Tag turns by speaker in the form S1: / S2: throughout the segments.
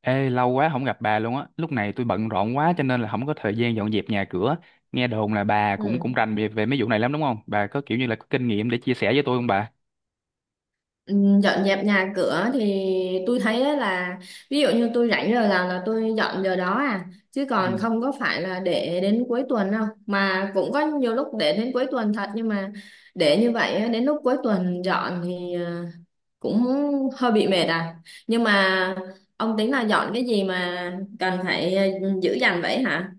S1: Ê, lâu quá không gặp bà luôn á. Lúc này tôi bận rộn quá cho nên là không có thời gian dọn dẹp nhà cửa. Nghe đồn là bà cũng cũng
S2: Ừ.
S1: rành về mấy vụ này lắm đúng không? Bà có kiểu như là có kinh nghiệm để chia sẻ với tôi không bà?
S2: Ừ, dọn dẹp nhà cửa thì tôi thấy á là ví dụ như tôi rảnh giờ nào là tôi dọn giờ đó à, chứ còn
S1: Ừ.
S2: không có phải là để đến cuối tuần đâu. Mà cũng có nhiều lúc để đến cuối tuần thật, nhưng mà để như vậy á, đến lúc cuối tuần dọn thì cũng hơi bị mệt à. Nhưng mà ông tính là dọn cái gì mà cần phải giữ dành vậy hả?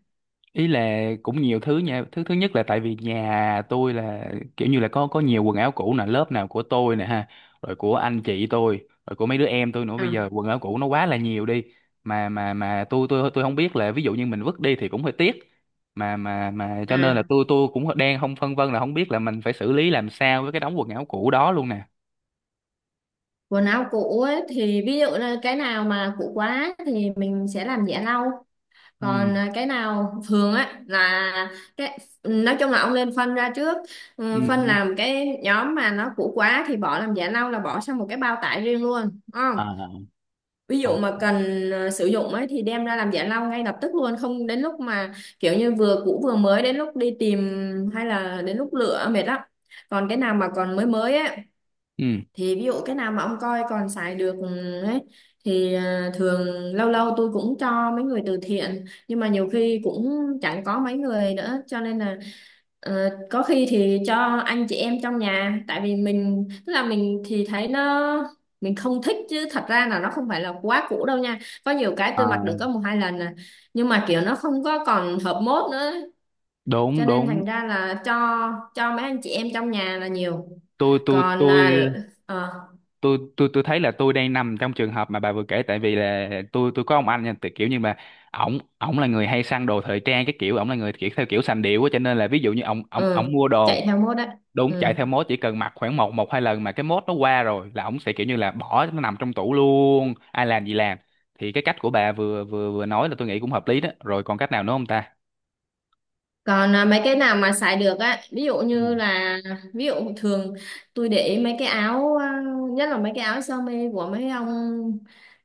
S1: Ý là cũng nhiều thứ nha, thứ thứ nhất là tại vì nhà tôi là kiểu như là có nhiều quần áo cũ nè, lớp nào của tôi nè ha, rồi của anh chị tôi, rồi của mấy đứa em tôi nữa, bây
S2: À,
S1: giờ quần áo cũ nó quá là nhiều đi, mà tôi không biết là ví dụ như mình vứt đi thì cũng hơi tiếc, mà cho nên là
S2: à,
S1: tôi cũng đang không phân vân là không biết là mình phải xử lý làm sao với cái đống quần áo cũ đó luôn nè.
S2: quần áo cũ ấy thì ví dụ là cái nào mà cũ quá thì mình sẽ làm giẻ lau.
S1: Ừ
S2: Còn cái nào thường á là cái, nói chung là ông nên phân ra trước.
S1: ừ
S2: Ừ, phân
S1: ừ.
S2: làm cái nhóm mà nó cũ quá thì bỏ làm giả lau, là bỏ sang một cái bao tải riêng luôn đúng không.
S1: À.
S2: Ví dụ mà
S1: OK.
S2: cần sử dụng ấy thì đem ra làm giả lau ngay lập tức luôn, không đến lúc mà kiểu như vừa cũ vừa mới, đến lúc đi tìm hay là đến lúc lựa mệt lắm. Còn cái nào mà còn mới mới á,
S1: Ừ.
S2: thì ví dụ cái nào mà ông coi còn xài được ừ, ấy thì thường lâu lâu tôi cũng cho mấy người từ thiện, nhưng mà nhiều khi cũng chẳng có mấy người nữa, cho nên là có khi thì cho anh chị em trong nhà, tại vì mình, tức là mình thì thấy nó, mình không thích, chứ thật ra là nó không phải là quá cũ đâu nha. Có nhiều cái tôi mặc
S1: À,
S2: được có một hai lần à, nhưng mà kiểu nó không có còn hợp mốt nữa, cho
S1: đúng
S2: nên
S1: đúng.
S2: thành ra là cho mấy anh chị em trong nhà là nhiều.
S1: tôi tôi
S2: Còn
S1: tôi
S2: ờ,
S1: tôi tôi tôi thấy là tôi đang nằm trong trường hợp mà bà vừa kể, tại vì là tôi có ông anh nha, tại kiểu như mà ổng ổng là người hay săn đồ thời trang, cái kiểu ổng là người kiểu theo kiểu sành điệu á, cho nên là ví dụ như ổng ổng ổng
S2: ừ
S1: mua
S2: chạy
S1: đồ
S2: theo mốt á.
S1: đúng chạy
S2: Ừ.
S1: theo mốt, chỉ cần mặc khoảng một một hai lần mà cái mốt nó qua rồi là ổng sẽ kiểu như là bỏ nó nằm trong tủ luôn, ai làm gì làm. Thì cái cách của bà vừa vừa vừa nói là tôi nghĩ cũng hợp lý đó, rồi còn cách nào nữa không ta?
S2: Còn mấy cái nào mà xài được á, ví dụ
S1: Ừ.
S2: như là, ví dụ thường tôi để ý mấy cái áo nhất là mấy cái áo sơ mi của mấy ông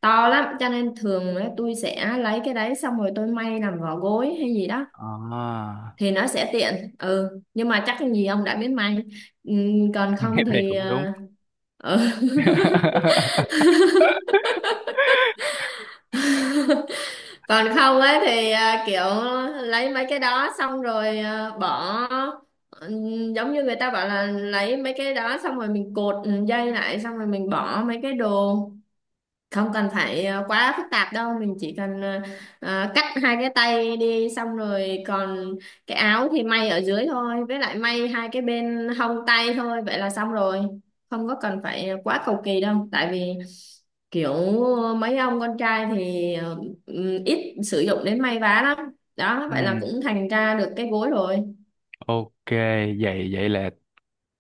S2: to lắm, cho nên thường á, tôi sẽ lấy cái đấy xong rồi tôi may làm vỏ gối hay gì đó,
S1: À.
S2: thì nó sẽ tiện. Ừ nhưng mà chắc gì ông đã biết may. ừ, Còn
S1: Cái
S2: không
S1: này
S2: thì
S1: cũng đúng.
S2: ừ. Còn không ấy thì kiểu lấy mấy cái đó xong rồi bỏ, giống như người ta bảo là lấy mấy cái đó xong rồi mình cột dây lại, xong rồi mình bỏ mấy cái đồ, không cần phải quá phức tạp đâu. Mình chỉ cần cắt hai cái tay đi, xong rồi còn cái áo thì may ở dưới thôi, với lại may hai cái bên hông tay thôi, vậy là xong rồi. Không có cần phải quá cầu kỳ đâu, tại vì kiểu mấy ông con trai thì ít sử dụng đến may vá lắm. Đó, vậy là
S1: Ừ.
S2: cũng thành ra được cái gối rồi.
S1: OK, vậy vậy là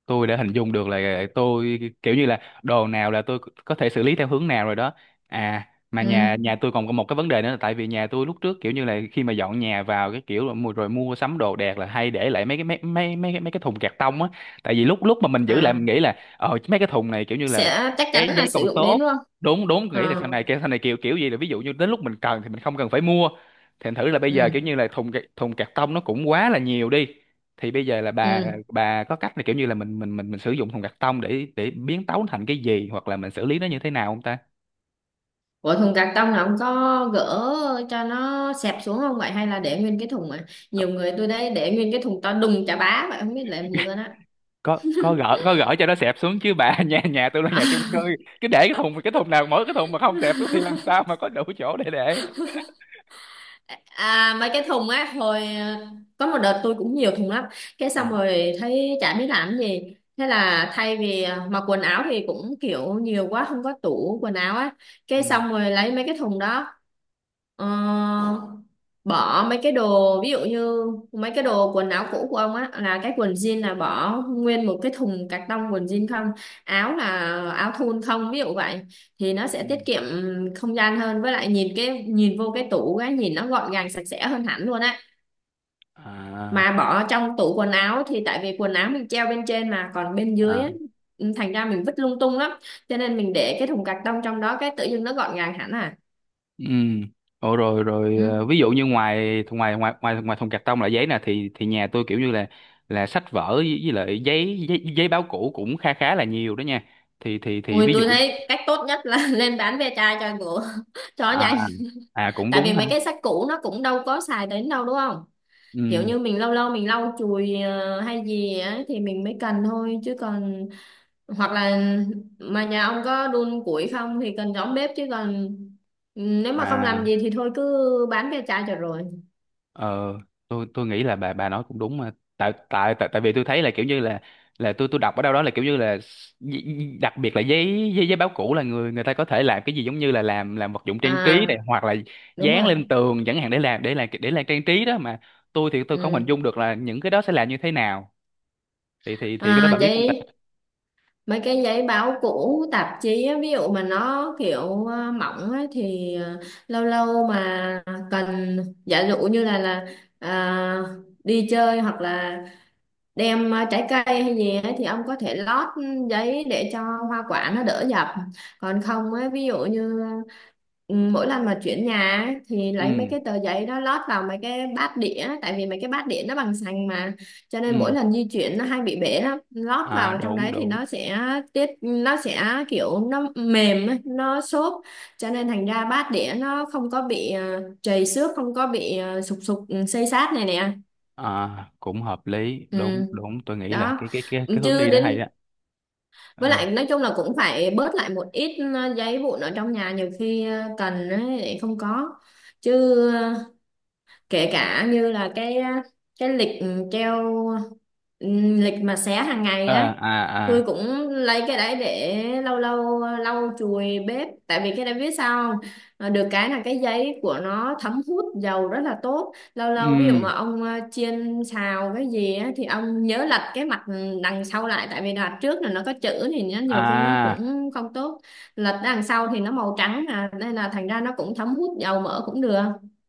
S1: tôi đã hình dung được là tôi kiểu như là đồ nào là tôi có thể xử lý theo hướng nào rồi đó. À, mà nhà
S2: Ừ.
S1: nhà tôi còn có một cái vấn đề nữa là tại vì nhà tôi lúc trước kiểu như là khi mà dọn nhà vào, cái kiểu là rồi mua sắm đồ đạc là hay để lại mấy cái mấy mấy mấy cái thùng cạc tông á, tại vì lúc lúc mà mình giữ lại mình
S2: À,
S1: nghĩ là ờ mấy cái thùng này kiểu như là
S2: sẽ chắc
S1: cái
S2: chắn là
S1: giấy
S2: sử
S1: còn
S2: dụng đến
S1: tốt,
S2: luôn.
S1: đúng đúng, nghĩ là
S2: Ờ.
S1: sau này kiểu kiểu gì là ví dụ như đến lúc mình cần thì mình không cần phải mua, thành thử là bây giờ
S2: Ừ.
S1: kiểu như là thùng cạc tông nó cũng quá là nhiều đi. Thì bây giờ là bà
S2: Ừ.
S1: bà có cách là kiểu như là mình sử dụng thùng cắt tông để biến tấu thành cái gì hoặc là mình xử lý nó như thế nào không ta?
S2: Ủa thùng cạc tông là ông có gỡ cho nó xẹp xuống không vậy, hay là để nguyên cái thùng à?
S1: Có
S2: Nhiều người tôi đây để nguyên cái thùng to đùng chà bá vậy, không biết làm gì luôn.
S1: có gỡ cho nó xẹp xuống chứ bà. nhà nhà tôi là nhà chung cư,
S2: Á.
S1: cứ để cái thùng, cái thùng nào mỗi cái thùng mà không xẹp xuống thì làm sao mà có đủ chỗ để để.
S2: À, mấy cái thùng á, hồi có một đợt tôi cũng nhiều thùng lắm, cái
S1: Ừ
S2: xong rồi thấy chả biết làm cái gì, thế là thay vì mặc quần áo thì cũng kiểu nhiều quá, không có tủ quần áo á, cái
S1: ừ
S2: xong rồi lấy mấy cái thùng đó, ờ, bỏ mấy cái đồ, ví dụ như mấy cái đồ quần áo cũ của ông á, là cái quần jean là bỏ nguyên một cái thùng cạc tông quần jean không, áo là, áo thun không, ví dụ vậy. Thì nó sẽ
S1: ừ.
S2: tiết kiệm không gian hơn, với lại nhìn cái, nhìn vô cái tủ cái nhìn nó gọn gàng sạch sẽ hơn hẳn luôn á.
S1: À
S2: Mà bỏ trong tủ quần áo thì tại vì quần áo mình treo bên trên, mà còn bên dưới á,
S1: à.
S2: ừ, thành ra mình vứt lung tung lắm, cho nên mình để cái thùng cạc tông trong đó, cái tự dưng nó gọn gàng hẳn à.
S1: Ừ. Ồ, rồi rồi, ờ,
S2: Ừ.
S1: ví dụ như ngoài ngoài ngoài ngoài ngoài thùng cạc tông là giấy nè, thì nhà tôi kiểu như là sách vở với lại giấy, giấy báo cũ cũng khá khá là nhiều đó nha. Thì thì
S2: Ui
S1: ví dụ…
S2: tôi thấy cách tốt nhất là lên bán ve chai cho ngựa cho nhanh.
S1: À. À cũng
S2: Tại vì
S1: đúng
S2: mấy
S1: ha.
S2: cái sách cũ nó cũng đâu có xài đến đâu đúng không,
S1: Ừ.
S2: kiểu như mình lâu lâu mình lau chùi hay gì á thì mình mới cần thôi, chứ còn hoặc là, mà nhà ông có đun củi không thì cần giống bếp, chứ còn nếu mà không làm
S1: À.
S2: gì thì thôi cứ bán ve chai cho rồi.
S1: Ờ, tôi nghĩ là bà nói cũng đúng mà, tại tại tại tại vì tôi thấy là kiểu như là tôi đọc ở đâu đó là kiểu như là đặc biệt là giấy giấy giấy báo cũ là người người ta có thể làm cái gì giống như là làm vật dụng trang trí
S2: À
S1: này, hoặc là
S2: đúng
S1: dán
S2: rồi.
S1: lên tường chẳng hạn để làm để làm trang trí đó mà. Tôi thì tôi không hình
S2: Ừ.
S1: dung được là những cái đó sẽ làm như thế nào. Thì cái đó bà
S2: À
S1: biết không
S2: vậy,
S1: ta?
S2: mấy cái giấy báo cũ tạp chí á, ví dụ mà nó kiểu mỏng á, thì lâu lâu mà cần, giả dụ như là à, đi chơi hoặc là đem trái cây hay gì ấy, thì ông có thể lót giấy để cho hoa quả nó đỡ dập. Còn không ấy, ví dụ như ừ, mỗi lần mà chuyển nhà ấy, thì
S1: Ừ
S2: lấy mấy cái tờ giấy đó lót vào mấy cái bát đĩa, tại vì mấy cái bát đĩa nó bằng sành mà, cho nên mỗi
S1: ừ.
S2: lần di chuyển nó hay bị bể lắm, lót
S1: À
S2: vào trong
S1: đúng
S2: đấy thì
S1: đúng.
S2: nó sẽ tiết, nó sẽ kiểu nó mềm ấy, nó xốp, cho nên thành ra bát đĩa nó không có bị trầy xước, không có bị sụp sụp ừ, xây xát này nè.
S1: À cũng hợp lý,
S2: Ừ
S1: đúng đúng, tôi nghĩ là
S2: đó,
S1: cái hướng
S2: chứ
S1: đi đó hay
S2: đến,
S1: đó.
S2: với
S1: Ừ.
S2: lại nói chung là cũng phải bớt lại một ít giấy vụn ở trong nhà, nhiều khi cần ấy, lại không có. Chứ ờ, kể cả như là cái cái lịch ừ, treo ừ, lịch mà xé hàng ngày
S1: À
S2: đó,
S1: à
S2: tôi
S1: à.
S2: cũng lấy cái đấy để lâu lâu lau chùi bếp, tại vì cái đấy biết sao không. Ờ, được cái là cái giấy của nó thấm hút dầu rất là tốt, lâu
S1: Ừ.
S2: lâu ví dụ mà ông chiên xào cái gì á, thì ông nhớ lật cái mặt đằng sau lại, tại vì đằng trước là nó có chữ thì nó nhiều khi nó
S1: À
S2: cũng không tốt, lật đằng sau thì nó màu trắng à, nên là thành ra nó cũng thấm hút dầu mỡ cũng được,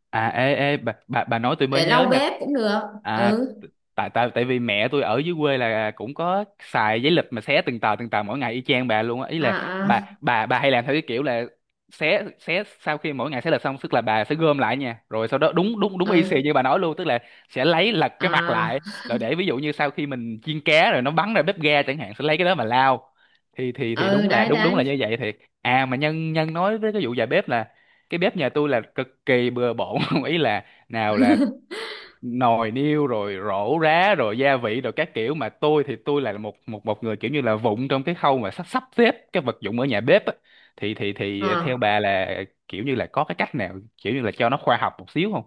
S1: à. Ê ê bà nói tôi mới
S2: để lau
S1: nhớ nha.
S2: bếp cũng được.
S1: À
S2: Ừ.
S1: t- tại tại tại vì mẹ tôi ở dưới quê là cũng có xài giấy lịch mà xé từng tờ mỗi ngày y chang bà luôn á, ý
S2: À.
S1: là
S2: À.
S1: bà hay làm theo cái kiểu là xé xé sau khi mỗi ngày xé lịch xong, tức là bà sẽ gom lại nha, rồi sau đó đúng đúng đúng y xì
S2: Ừ.
S1: như bà nói luôn, tức là sẽ lấy lật cái mặt
S2: À.
S1: lại, rồi để ví dụ như sau khi mình chiên cá rồi nó bắn ra bếp ga chẳng hạn sẽ lấy cái đó mà lao. Thì
S2: Ừ
S1: đúng là
S2: đấy
S1: đúng đúng là
S2: đấy.
S1: như vậy thiệt. À mà nhân nhân nói với cái vụ dài bếp là cái bếp nhà tôi là cực kỳ bừa bộn. Ý là nào là nồi niêu, rồi rổ rá, rồi gia vị rồi các kiểu, mà tôi thì tôi là một một một người kiểu như là vụng trong cái khâu mà sắp sắp xếp cái vật dụng ở nhà bếp á. Thì
S2: Ờ.
S1: theo bà là kiểu như là có cái cách nào kiểu như là cho nó khoa học một xíu không?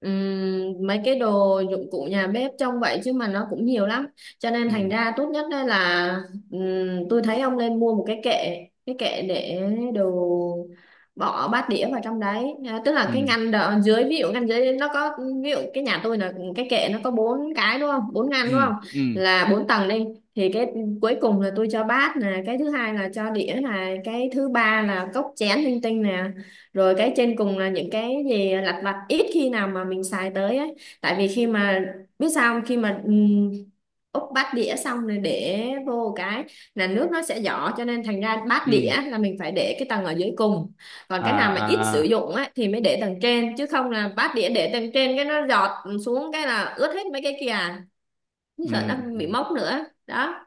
S2: Mấy cái đồ dụng cụ nhà bếp trong vậy chứ mà nó cũng nhiều lắm, cho nên
S1: Ừ
S2: thành ra tốt nhất đây là, tôi thấy ông nên mua một cái kệ, cái kệ để đồ, bỏ bát đĩa vào trong đấy à, tức là cái
S1: ừ
S2: ngăn đợ, dưới, ví dụ ngăn dưới nó có, ví dụ cái nhà tôi là cái kệ nó có bốn cái đúng không, bốn ngăn
S1: ừ
S2: đúng không,
S1: ừ
S2: là bốn tầng đi. Thì cái cuối cùng là tôi cho bát nè, cái thứ hai là cho đĩa nè, cái thứ ba là cốc chén linh tinh nè, rồi cái trên cùng là những cái gì lặt vặt ít khi nào mà mình xài tới ấy. Tại vì khi mà, biết sao không? Khi mà úp bát đĩa xong rồi để vô cái, là nước nó sẽ giỏ, cho nên thành ra bát
S1: ừ.
S2: đĩa là mình phải để cái tầng ở dưới cùng. Còn
S1: À
S2: cái nào mà ít sử
S1: à.
S2: dụng á thì mới để tầng trên, chứ không là bát đĩa để tầng trên cái nó giọt xuống cái là ướt hết mấy cái kia à. Như sợ
S1: Ừ
S2: nó
S1: ừ.
S2: bị mốc nữa đó.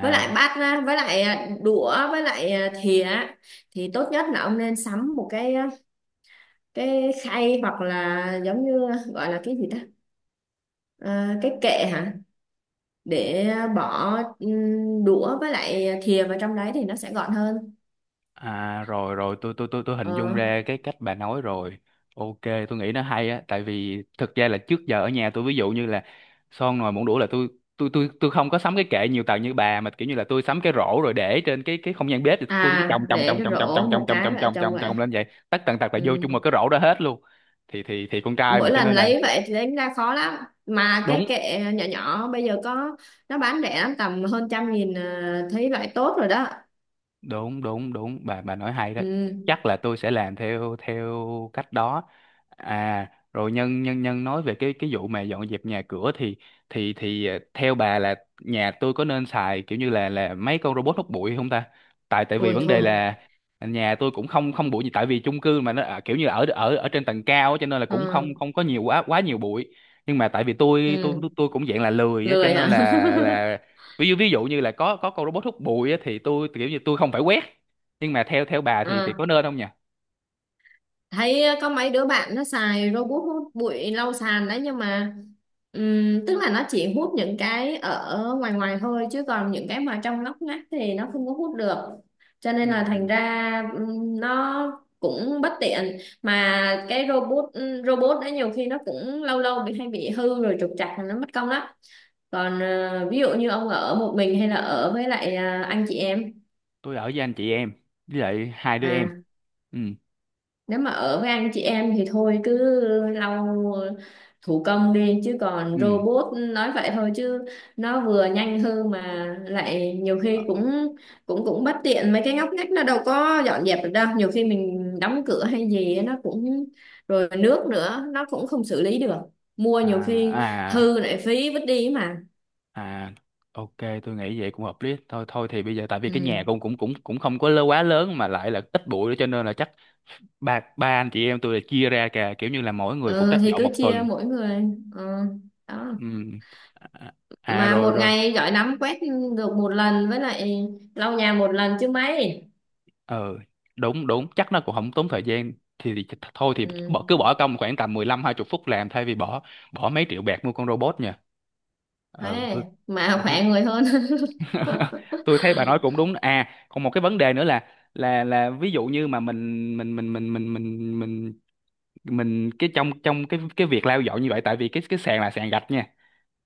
S2: Với lại bát á, với lại đũa, với lại thìa á, thì tốt nhất là ông nên sắm một cái khay hoặc là giống như, gọi là cái gì ta, à, cái kệ hả, để bỏ đũa với lại thìa vào trong đấy thì nó sẽ gọn hơn.
S1: À rồi rồi, tôi hình
S2: Ờ.
S1: dung ra cái cách bà nói rồi. OK, tôi nghĩ nó hay á, tại vì thực ra là trước giờ ở nhà tôi ví dụ như là son nồi muỗng đũa là tôi không có sắm cái kệ nhiều tầng như bà, mà kiểu như là tôi sắm cái rổ rồi để trên cái không gian bếp, thì tôi cứ
S2: À
S1: chồng chồng
S2: để
S1: chồng
S2: cái
S1: chồng chồng
S2: rổ
S1: chồng
S2: một
S1: chồng chồng
S2: cái
S1: chồng
S2: vợ
S1: chồng
S2: chồng
S1: chồng
S2: vậy.
S1: chồng lên vậy, tất tần tật là vô
S2: Ừ.
S1: chung một cái rổ đó hết luôn. Thì con trai
S2: Mỗi
S1: mà cho
S2: lần
S1: nên là
S2: lấy vậy thì đánh ra khó lắm, mà cái
S1: đúng
S2: kệ nhỏ nhỏ bây giờ có, nó bán rẻ lắm, tầm hơn 100.000 à, thấy loại tốt rồi đó.
S1: đúng đúng đúng bà nói hay đó,
S2: Ừ.
S1: chắc là tôi sẽ làm theo theo cách đó. À rồi nhân nhân nhân nói về cái vụ mà dọn dẹp nhà cửa thì ờ, theo bà là nhà tôi có nên xài kiểu như là mấy con robot hút bụi không ta? Tại tại vì
S2: Ôi
S1: vấn đề
S2: thôi.
S1: là nhà tôi cũng không không bụi gì, tại vì chung cư mà nó kiểu như là ở ở ở trên tầng cao á, cho nên là cũng không
S2: Ừ.
S1: không có nhiều quá quá nhiều bụi, nhưng mà tại vì tôi tôi tôi,
S2: Ừ.
S1: tôi cũng dạng là lười á cho
S2: Lười
S1: nên
S2: hả?
S1: là ví dụ như là có con robot hút bụi á, thì tôi kiểu như tôi không phải quét, nhưng mà theo theo bà thì
S2: Ừ.
S1: có nên không nhỉ?
S2: Thấy có mấy đứa bạn nó xài robot hút bụi lau sàn đấy, nhưng mà tức là nó chỉ hút những cái ở ngoài ngoài thôi, chứ còn những cái mà trong ngóc ngách thì nó không có hút được, cho
S1: Ừ.
S2: nên là
S1: Ừ.
S2: thành ra nó cũng bất tiện mà. Cái robot robot đấy nhiều khi nó cũng lâu lâu bị hay bị hư rồi trục trặc, nó mất công lắm. Còn ví dụ như ông ở một mình hay là ở với lại anh chị em.
S1: Tôi ở với anh chị em với lại hai đứa em.
S2: À,
S1: Ừ
S2: nếu mà ở với anh chị em thì thôi cứ lau thủ công đi, chứ còn
S1: ừ.
S2: robot nói vậy thôi chứ nó vừa nhanh hư, mà lại nhiều
S1: Ờ.
S2: khi cũng cũng cũng bất tiện, mấy cái ngóc ngách nó đâu có dọn dẹp được đâu, nhiều khi mình đóng cửa hay gì nó cũng, rồi nước nữa nó cũng không xử lý được, mua
S1: À
S2: nhiều khi
S1: à
S2: hư lại phí vứt đi mà.
S1: à. OK, tôi nghĩ vậy cũng hợp lý thôi, thôi thì bây giờ tại vì cái nhà
S2: Ừ.
S1: cũng cũng không có quá lớn, mà lại là ít bụi nữa cho nên là chắc ba ba anh chị em tôi là chia ra cả kiểu như là mỗi người phụ
S2: Ờ,
S1: trách
S2: thì
S1: dọn
S2: cứ
S1: một
S2: chia
S1: tuần.
S2: mỗi người. Ờ, đó.
S1: Ừ. À, à, à,
S2: Mà
S1: rồi
S2: một
S1: rồi
S2: ngày giỏi lắm quét được một lần, với lại lau nhà một lần chứ mấy.
S1: ờ đúng đúng chắc nó cũng không tốn thời gian. Thôi thì bỏ cứ
S2: Ừ.
S1: bỏ công khoảng tầm 15 hai 20 phút làm thay vì bỏ bỏ mấy triệu bạc mua con robot nha. Ờ tôi
S2: Thế mà
S1: tôi thấy.
S2: khỏe người hơn.
S1: Tôi thấy bà nói cũng đúng. À còn một cái vấn đề nữa là là ví dụ như mà mình cái trong trong cái việc lau dọn như vậy tại vì cái sàn là sàn gạch nha,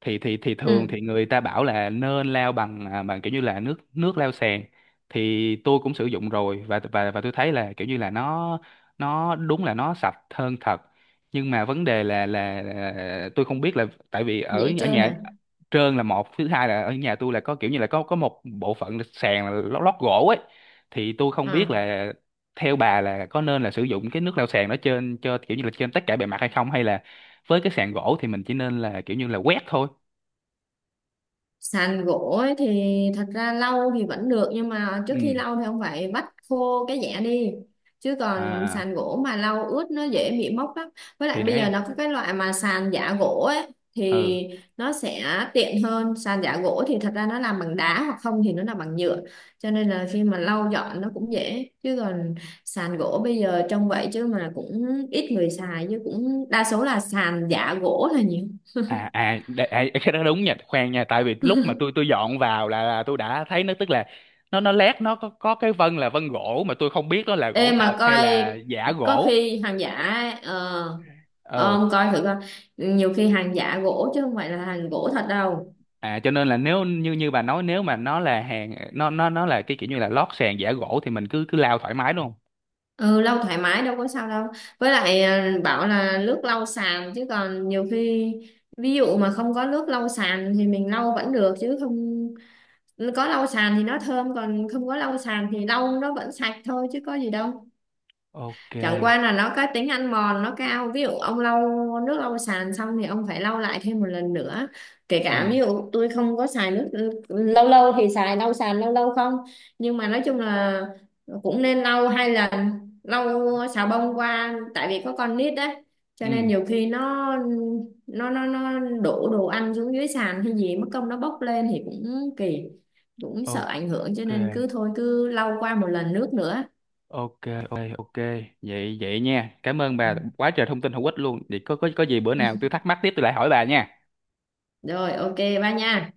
S1: thì thường thì
S2: Ừ.
S1: người ta bảo là nên lao bằng kiểu như là nước nước lao sàn. Thì tôi cũng sử dụng rồi, và và tôi thấy là kiểu như là nó đúng là nó sạch hơn thật, nhưng mà vấn đề là là tôi không biết là tại vì ở
S2: Dễ
S1: ở
S2: chơi
S1: nhà
S2: nè.
S1: trơn là một, thứ hai là ở nhà tôi là có kiểu như là có một bộ phận là sàn là lót gỗ ấy, thì tôi không biết
S2: À.
S1: là theo bà là có nên là sử dụng cái nước lau sàn đó trên cho kiểu như là trên tất cả bề mặt hay không, hay là với cái sàn gỗ thì mình chỉ nên là kiểu như là quét thôi.
S2: Sàn gỗ ấy thì thật ra lau thì vẫn được, nhưng mà trước
S1: Ừ.
S2: khi lau thì không phải vắt khô cái dẻ đi, chứ còn
S1: À.
S2: sàn gỗ mà lau ướt nó dễ bị mốc lắm. Với lại
S1: Thì
S2: bây
S1: đấy.
S2: giờ nó có cái loại mà sàn giả gỗ ấy,
S1: Ừ.
S2: thì nó sẽ tiện hơn. Sàn giả gỗ thì thật ra nó làm bằng đá, hoặc không thì nó làm bằng nhựa, cho nên là khi mà lau dọn nó cũng dễ. Chứ còn sàn gỗ bây giờ trông vậy chứ mà cũng ít người xài, chứ cũng đa số là sàn giả gỗ là nhiều.
S1: À à, à cái đó đúng nha, khoan nha, tại vì lúc mà tôi dọn vào là tôi đã thấy nó tức là nó lét nó có cái vân là vân gỗ mà tôi không biết nó là
S2: Ê
S1: gỗ thật
S2: mà
S1: hay
S2: coi,
S1: là giả
S2: có
S1: gỗ.
S2: khi hàng giả, ờ,
S1: Ờ.
S2: ông coi thử coi, nhiều khi hàng giả gỗ chứ không phải là hàng gỗ thật đâu.
S1: À cho nên là nếu như như bà nói nếu mà nó là hàng nó là cái kiểu như là lót sàn giả gỗ thì mình cứ cứ lao thoải mái đúng không?
S2: Ừ lau thoải mái đâu có sao đâu. Với lại bảo là nước lau sàn chứ còn nhiều khi, ví dụ mà không có nước lau sàn thì mình lau vẫn được, chứ không có lau sàn thì nó thơm, còn không có lau sàn thì lau nó vẫn sạch thôi chứ có gì đâu.
S1: OK.
S2: Chẳng qua là nó có tính ăn mòn nó cao, ví dụ ông lau nước lau sàn xong thì ông phải lau lại thêm một lần nữa. Kể cả
S1: Ừ
S2: ví dụ tôi không có xài nước, lâu lâu thì xài lau sàn, lâu lâu không, nhưng mà nói chung là cũng nên lau hai lần, lau xà bông qua, tại vì có con nít đấy, cho nên
S1: ừ.
S2: nhiều khi nó, nó đổ đồ ăn xuống dưới sàn hay gì, mất công nó bốc lên thì cũng kỳ, cũng sợ
S1: OK
S2: ảnh hưởng, cho nên cứ thôi cứ lau qua một lần nước nữa.
S1: ok ok ok vậy vậy nha, cảm ơn bà quá trời thông tin hữu ích luôn, vậy có có gì bữa nào tôi thắc mắc tiếp tôi lại hỏi bà nha.
S2: Rồi, ok, ba nha.